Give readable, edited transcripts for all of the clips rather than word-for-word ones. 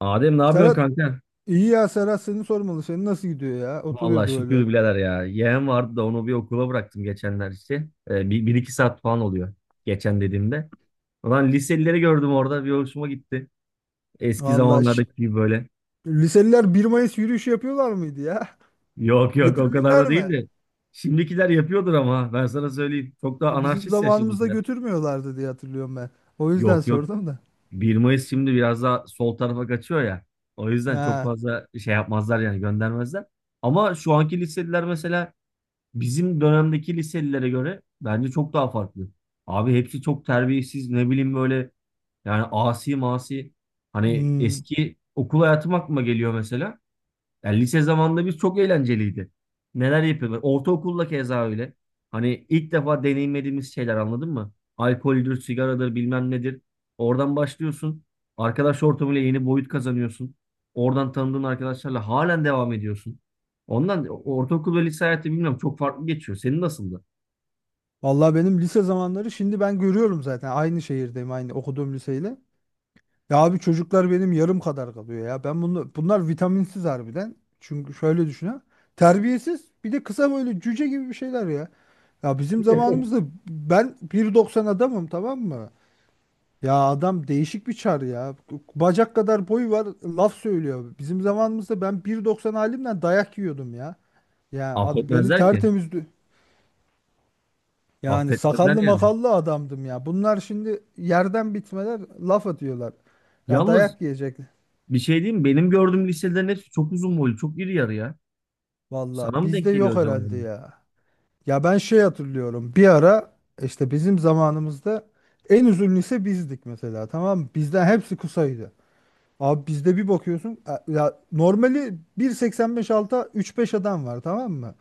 Adem ne yapıyorsun Serhat. kanka? İyi ya, Serhat, seni sormalı. Senin nasıl gidiyor ya? Vallahi Oturuyordu öyle. şükür birader ya. Yeğen vardı da onu bir okula bıraktım geçenler işte. Bir iki saat falan oluyor. Geçen dediğimde. Ulan liselileri gördüm orada. Bir hoşuma gitti. Eski Vallahi zamanlardaki gibi böyle. liseliler 1 Mayıs yürüyüşü yapıyorlar mıydı ya? Yok yok, o kadar Götürmüşler da değil mi? de. Şimdikiler yapıyordur ama ben sana söyleyeyim. Çok daha Bizim anarşist ya zamanımızda şimdikiler. götürmüyorlardı diye hatırlıyorum ben. O yüzden Yok yok. sordum da. 1 Mayıs şimdi biraz daha sol tarafa kaçıyor ya. O yüzden çok Ha. fazla şey yapmazlar, yani göndermezler. Ama şu anki liseliler mesela bizim dönemdeki liselilere göre bence çok daha farklı. Abi hepsi çok terbiyesiz, ne bileyim böyle, yani asi masi. Hani Hmm. eski okul hayatım aklıma geliyor mesela. Yani lise zamanında biz çok eğlenceliydi. Neler yapıyorduk. Ortaokulda keza öyle. Hani ilk defa deneyimlediğimiz şeyler, anladın mı? Alkoldür, sigaradır, bilmem nedir. Oradan başlıyorsun. Arkadaş ortamıyla yeni boyut kazanıyorsun. Oradan tanıdığın arkadaşlarla halen devam ediyorsun. Ondan ortaokul ve lise hayatı bilmiyorum, çok farklı geçiyor. Senin nasıldı? Vallahi benim lise zamanları şimdi ben görüyorum zaten. Aynı şehirdeyim aynı okuduğum liseyle. Ya abi çocuklar benim yarım kadar kalıyor ya. Ben bunu bunlar vitaminsiz harbiden. Çünkü şöyle düşünün. Terbiyesiz. Bir de kısa böyle cüce gibi bir şeyler ya. Ya bizim zamanımızda ben 1,90 adamım tamam mı? Ya adam değişik bir çar ya. Bacak kadar boyu var laf söylüyor. Bizim zamanımızda ben bir doksan halimden dayak yiyordum ya. Beni Affetmezler ki. tertemizdi. Yani Affetmezler sakallı yani. makallı adamdım ya. Bunlar şimdi yerden bitmeler laf atıyorlar. Ya Yalnız dayak yiyecek. bir şey diyeyim mi? Benim gördüğüm liselerin hepsi çok uzun boylu, çok iri yarı ya. Vallahi Sana mı bizde denk geliyor yok acaba? herhalde ya. Ya ben şey hatırlıyorum. Bir ara işte bizim zamanımızda en uzun lise bizdik mesela tamam mı? Bizden hepsi kısaydı. Abi bizde bir bakıyorsun, ya normali 1,85 alta 3-5 adam var tamam mı?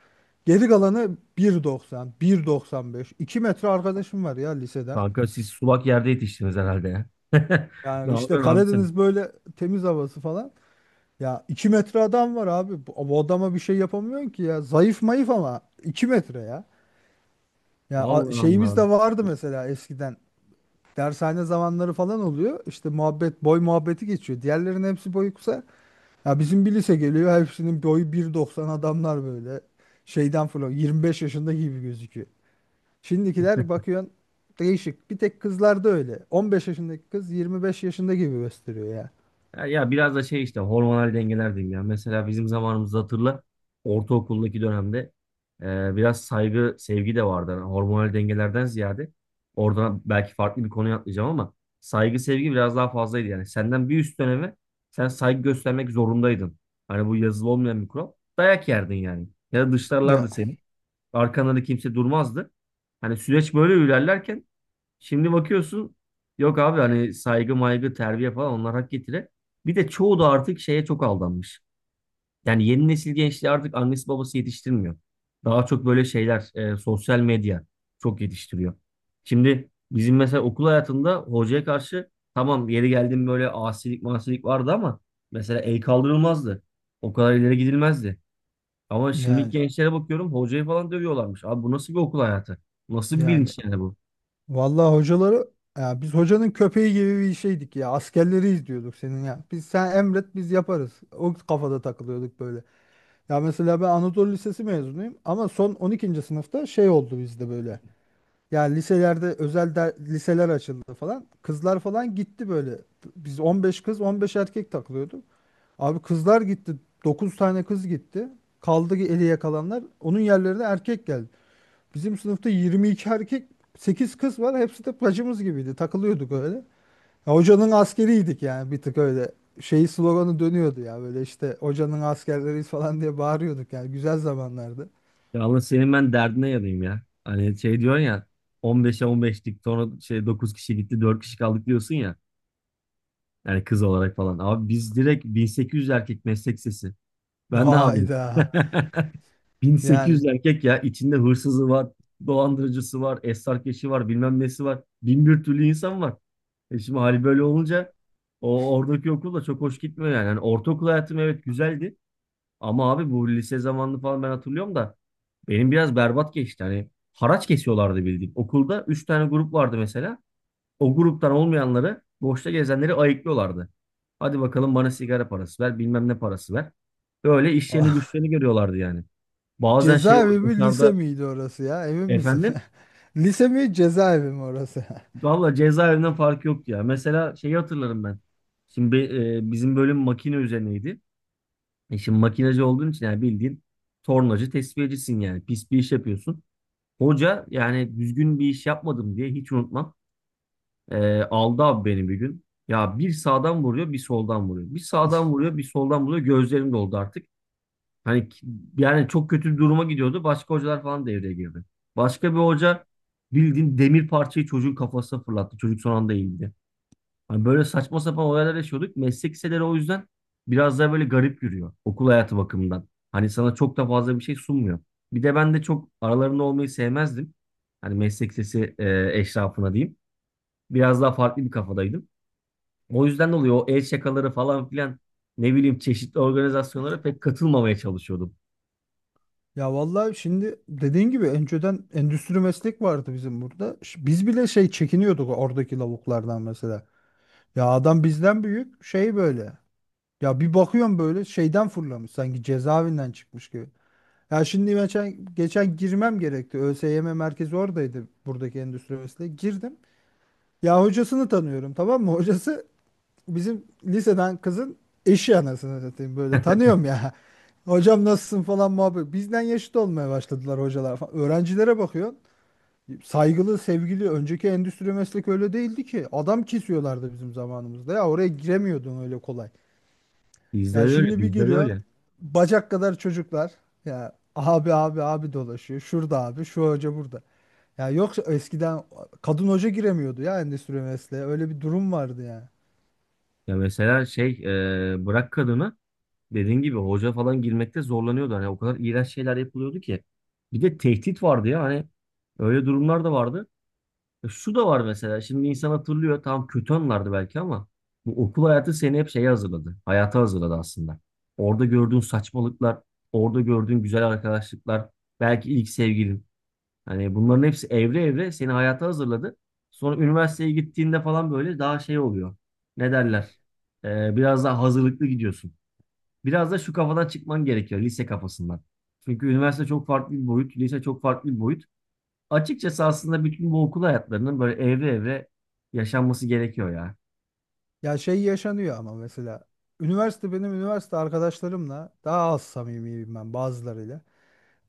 Geri kalanı 1,90, 1,95, 2 metre arkadaşım var ya liseden. Kanka siz sulak yerde yetiştiniz herhalde ya. Ne Yani işte yapıyorsun abi sen? Karadeniz, böyle temiz havası falan. Ya 2 metre adam var abi. Bu adama bir şey yapamıyorsun ki ya. Zayıf mayıf ama 2 metre ya. Allah Şeyimiz de Allah. vardı mesela eskiden. Dershane zamanları falan oluyor. İşte muhabbet, boy muhabbeti geçiyor. Diğerlerinin hepsi boyu kısa. Ya bizim bir lise geliyor. Hepsinin boyu 1,90 adamlar böyle. Şeyden falan 25 yaşında gibi gözüküyor. Şimdikiler bakıyorsun değişik. Bir tek kızlarda öyle. 15 yaşındaki kız 25 yaşında gibi gösteriyor ya. Ya biraz da şey işte, hormonal dengeler diyeyim ya. Mesela bizim zamanımızda hatırla, ortaokuldaki dönemde biraz saygı, sevgi de vardı. Yani hormonal dengelerden ziyade oradan belki farklı bir konuya atlayacağım ama saygı, sevgi biraz daha fazlaydı yani. Senden bir üst döneme sen saygı göstermek zorundaydın. Hani bu yazılı olmayan bir kural. Dayak yerdin yani. Ya da Ya, dışlarlardı seni. Arkanda da kimse durmazdı. Hani süreç böyle ilerlerken şimdi bakıyorsun, yok abi hani saygı maygı terbiye falan, onlar hak getire. Bir de çoğu da artık şeye çok aldanmış. Yani yeni nesil gençliği artık annesi babası yetiştirmiyor. Daha çok böyle şeyler, sosyal medya çok yetiştiriyor. Şimdi bizim mesela okul hayatında hocaya karşı, tamam yeri geldim böyle asilik masilik vardı ama mesela el kaldırılmazdı. O kadar ileri gidilmezdi. Ama şimdiki yani gençlere bakıyorum, hocayı falan dövüyorlarmış. Abi bu nasıl bir okul hayatı? Nasıl bir yani, bilinç yani bu? vallahi hocaları, ya biz hocanın köpeği gibi bir şeydik ya. Askerleri izliyorduk senin ya. Biz sen emret biz yaparız. O kafada takılıyorduk böyle. Ya mesela ben Anadolu Lisesi mezunuyum ama son 12. sınıfta şey oldu bizde böyle. Ya liselerde özel liseler açıldı falan. Kızlar falan gitti böyle. Biz 15 kız 15 erkek takılıyorduk. Abi kızlar gitti. Dokuz tane kız gitti. Kaldı ki eli yakalanlar. Onun yerlerine erkek geldi. Bizim sınıfta 22 erkek, 8 kız var. Hepsi de bacımız gibiydi. Takılıyorduk öyle. Ya, hocanın askeriydik yani, bir tık öyle. Şey sloganı dönüyordu ya, böyle işte hocanın askerleriyiz falan diye bağırıyorduk. Yani güzel zamanlardı. Ya Allah, senin ben derdine yanayım ya. Hani şey diyorsun ya, 15'e 15'lik sonra şey 9 kişi gitti 4 kişi kaldık diyorsun ya. Yani kız olarak falan. Abi biz direkt 1800 erkek meslek lisesi. Ben ne yapayım? Hayda. Yani 1800 erkek ya, içinde hırsızı var, dolandırıcısı var, esrarkeşi var, bilmem nesi var. Bin bir türlü insan var. Şimdi hali böyle olunca o oradaki okul da çok hoş gitmiyor yani. Hani ortaokul hayatım evet güzeldi ama abi bu lise zamanını falan ben hatırlıyorum da benim biraz berbat geçti. Hani haraç kesiyorlardı bildiğin. Okulda 3 tane grup vardı mesela. O gruptan olmayanları, boşta gezenleri ayıklıyorlardı. Hadi bakalım bana sigara parası ver, bilmem ne parası ver. Böyle işlerini güçlerini görüyorlardı yani. Bazen şey olur cezaevi mi lise dışarıda. miydi orası ya? Emin misin? Efendim. Lise mi cezaevi mi orası? Valla cezaevinden farkı yok ya. Mesela şeyi hatırlarım ben. Şimdi bizim bölüm makine üzerineydi. Şimdi makinacı olduğun için yani bildiğin tornacı tesviyecisin yani. Pis bir iş yapıyorsun. Hoca yani düzgün bir iş yapmadım diye hiç unutmam. Aldı abi beni bir gün. Ya bir sağdan vuruyor bir soldan vuruyor. Bir sağdan vuruyor bir soldan vuruyor. Gözlerim doldu artık. Hani yani çok kötü bir duruma gidiyordu. Başka hocalar falan devreye girdi. Başka bir hoca bildiğin demir parçayı çocuğun kafasına fırlattı. Çocuk son anda eğildi. Hani böyle saçma sapan olaylar yaşıyorduk. Meslek liseleri o yüzden biraz daha böyle garip yürüyor okul hayatı bakımından. Hani sana çok da fazla bir şey sunmuyor. Bir de ben de çok aralarında olmayı sevmezdim. Hani meslek lisesi eşrafına diyeyim. Biraz daha farklı bir kafadaydım. O yüzden dolayı o el şakaları falan filan, ne bileyim, çeşitli organizasyonlara pek katılmamaya çalışıyordum. Ya vallahi şimdi dediğin gibi önceden endüstri meslek vardı bizim burada. Biz bile şey çekiniyorduk oradaki lavuklardan mesela. Ya adam bizden büyük şey böyle. Ya bir bakıyorum böyle şeyden fırlamış, sanki cezaevinden çıkmış gibi. Ya şimdi geçen girmem gerekti. ÖSYM merkezi oradaydı, buradaki endüstri mühendisliği. Girdim. Ya hocasını tanıyorum tamam mı? Hocası bizim liseden kızın eşi, anasını satayım böyle tanıyorum ya. Hocam nasılsın falan muhabbet. Bizden yaşıt olmaya başladılar hocalar falan. Öğrencilere bakıyor. Saygılı, sevgili, önceki endüstri meslek öyle değildi ki. Adam kesiyorlardı bizim zamanımızda. Ya oraya giremiyordun öyle kolay. Bizde de Ya öyle, şimdi bir bizde de giriyorsun, öyle. bacak kadar çocuklar, ya abi abi abi dolaşıyor. Şurada abi, şu hoca burada. Ya yoksa eskiden kadın hoca giremiyordu ya endüstri mesleğe. Öyle bir durum vardı ya. Ya mesela şey, bırak kadını, dediğin gibi hoca falan girmekte zorlanıyordu. Hani o kadar iğrenç şeyler yapılıyordu ki. Bir de tehdit vardı ya hani, öyle durumlar da vardı. Şu da var mesela, şimdi insan hatırlıyor tam kötü anlardı belki ama bu okul hayatı seni hep şeye hazırladı. Hayata hazırladı aslında. Orada gördüğün saçmalıklar, orada gördüğün güzel arkadaşlıklar, belki ilk sevgilin. Hani bunların hepsi evre evre seni hayata hazırladı. Sonra üniversiteye gittiğinde falan böyle daha şey oluyor. Ne derler? Biraz daha hazırlıklı gidiyorsun. Biraz da şu kafadan çıkman gerekiyor, lise kafasından. Çünkü üniversite çok farklı bir boyut, lise çok farklı bir boyut. Açıkçası aslında bütün bu okul hayatlarının böyle evre evre yaşanması gerekiyor ya. Ya şey yaşanıyor ama mesela üniversite, benim üniversite arkadaşlarımla daha az samimiyim ben bazılarıyla.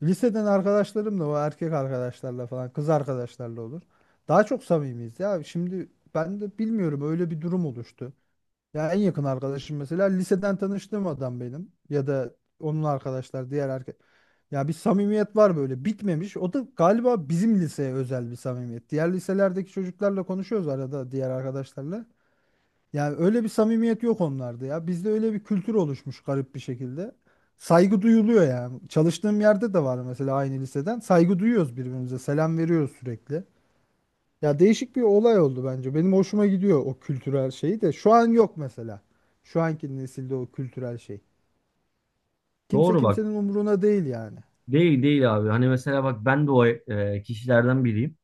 Liseden arkadaşlarımla, o erkek arkadaşlarla falan, kız arkadaşlarla olur. Daha çok samimiyiz ya. Şimdi ben de bilmiyorum, öyle bir durum oluştu. Ya en yakın arkadaşım mesela liseden tanıştığım adam benim, ya da onun arkadaşlar, diğer erkek. Ya bir samimiyet var böyle, bitmemiş. O da galiba bizim liseye özel bir samimiyet. Diğer liselerdeki çocuklarla konuşuyoruz arada, diğer arkadaşlarla. Yani öyle bir samimiyet yok onlarda ya. Bizde öyle bir kültür oluşmuş garip bir şekilde. Saygı duyuluyor yani. Çalıştığım yerde de var mesela aynı liseden. Saygı duyuyoruz birbirimize. Selam veriyoruz sürekli. Ya değişik bir olay oldu bence. Benim hoşuma gidiyor o kültürel şeyi de. Şu an yok mesela. Şu anki nesilde o kültürel şey. Kimse Doğru bak. kimsenin umuruna değil yani. Değil değil abi. Hani mesela bak, ben de o kişilerden biriyim.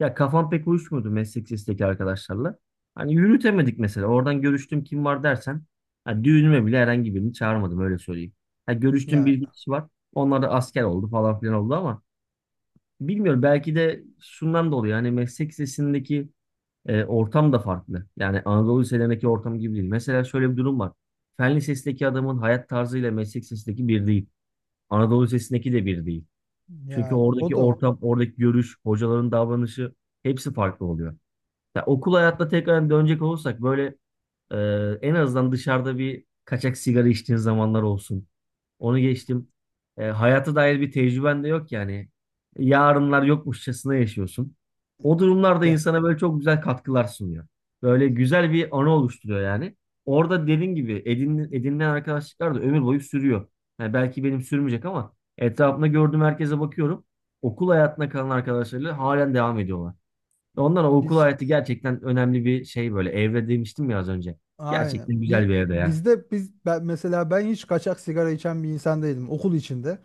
Ya kafam pek uyuşmuyordu meslek lisesteki arkadaşlarla. Hani yürütemedik mesela. Oradan görüştüm kim var dersen. Ha, düğünüme bile herhangi birini çağırmadım, öyle söyleyeyim. Ha, görüştüğüm Ya bir iki kişi var. Onlar da asker oldu falan filan oldu ama bilmiyorum, belki de şundan dolayı yani meslek lisesindeki ortam da farklı. Yani Anadolu liselerindeki ortam gibi değil. Mesela şöyle bir durum var. Fen lisesindeki adamın hayat tarzıyla meslek lisesindeki bir değil. Anadolu lisesindeki de bir değil. Çünkü yani, o oradaki da o. ortam, oradaki görüş, hocaların davranışı, hepsi farklı oluyor. Ya okul hayatta tekrar dönecek olursak böyle, e, en azından dışarıda bir kaçak sigara içtiğin zamanlar olsun. Onu geçtim. Hayata dair bir tecrüben de yok yani. Yarınlar yokmuşçasına yaşıyorsun. O durumlarda Ya, insana böyle çok güzel katkılar sunuyor. Böyle güzel bir anı oluşturuyor yani. Orada dediğin gibi edinilen arkadaşlıklar da ömür boyu sürüyor. Yani belki benim sürmeyecek ama etrafımda gördüğüm herkese bakıyorum. Okul hayatına kalan arkadaşlarıyla halen devam ediyorlar. Ondan o okul biz hayatı gerçekten önemli bir şey böyle. Evre demiştim ya az önce. aynen. Gerçekten güzel bir evre ya. Bizde, ben, mesela ben hiç kaçak sigara içen bir insan değilim okul içinde.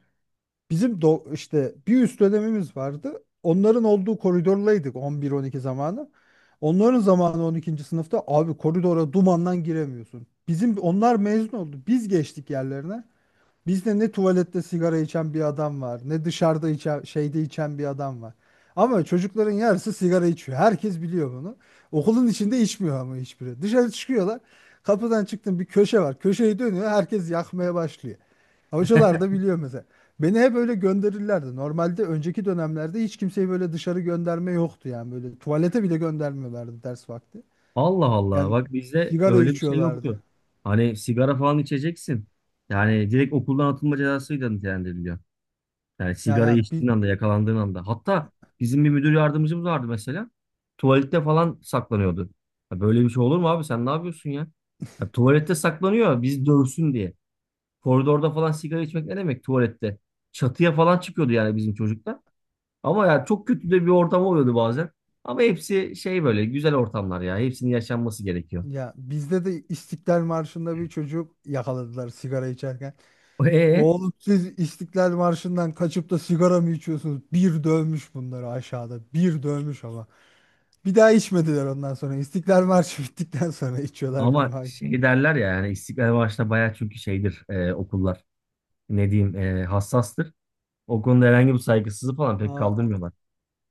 Bizim işte bir üst dönemimiz vardı. Onların olduğu koridorlaydık 11-12 zamanı. Onların zamanı 12. sınıfta abi, koridora dumandan giremiyorsun. Bizim onlar mezun oldu. Biz geçtik yerlerine. Bizde ne tuvalette sigara içen bir adam var, ne dışarıda içen, şeyde içen bir adam var. Ama çocukların yarısı sigara içiyor. Herkes biliyor bunu. Okulun içinde içmiyor ama hiçbiri. Dışarı çıkıyorlar. Kapıdan çıktım, bir köşe var. Köşeyi dönüyor. Herkes yakmaya başlıyor. Hocalar da biliyor mesela. Beni hep öyle gönderirlerdi. Normalde önceki dönemlerde hiç kimseyi böyle dışarı gönderme yoktu yani. Böyle tuvalete bile göndermiyorlardı ders vakti. Allah Allah. Yani Bak bizde sigara öyle bir şey içiyorlardı. yoktu. Hani sigara falan içeceksin. Yani direkt okuldan atılma cezasıyla nitelendiriliyor. Yani Yani, sigara yani içtiğin anda, yakalandığın anda. Hatta bizim bir müdür yardımcımız vardı mesela. Tuvalette falan saklanıyordu. Ya böyle bir şey olur mu abi? Sen ne yapıyorsun ya? Ya tuvalette saklanıyor biz dövsün diye. Koridorda falan sigara içmek ne demek, tuvalette? Çatıya falan çıkıyordu yani bizim çocuklar. Ama ya çok kötü de bir ortam oluyordu bazen. Ama hepsi şey böyle güzel ortamlar ya. Hepsinin yaşanması gerekiyor. ya bizde de İstiklal Marşı'nda bir çocuk yakaladılar sigara içerken. E e, Oğlum siz İstiklal Marşı'ndan kaçıp da sigara mı içiyorsunuz? Bir dövmüş bunları aşağıda. Bir dövmüş ama. Bir daha içmediler ondan sonra. İstiklal Marşı bittikten sonra içiyorlar Ama Cuma günü. şey derler ya, yani İstiklal Marşı'nda bayağı çünkü şeydir okullar. Ne diyeyim hassastır. O konuda herhangi bir saygısızlık falan pek Aa, kaldırmıyorlar.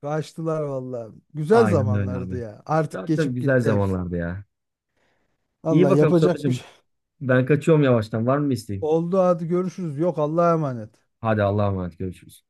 kaçtılar valla. Güzel Aynen öyle abi. zamanlardı ya. Artık Tabii tabii geçip güzel gitti hepsi. zamanlardı ya. İyi Valla bakalım yapacak bir Sadıç'ım. şey. Ben kaçıyorum yavaştan. Var mı bir isteğin? Oldu, hadi görüşürüz. Yok, Allah'a emanet. Hadi Allah'a emanet. Görüşürüz.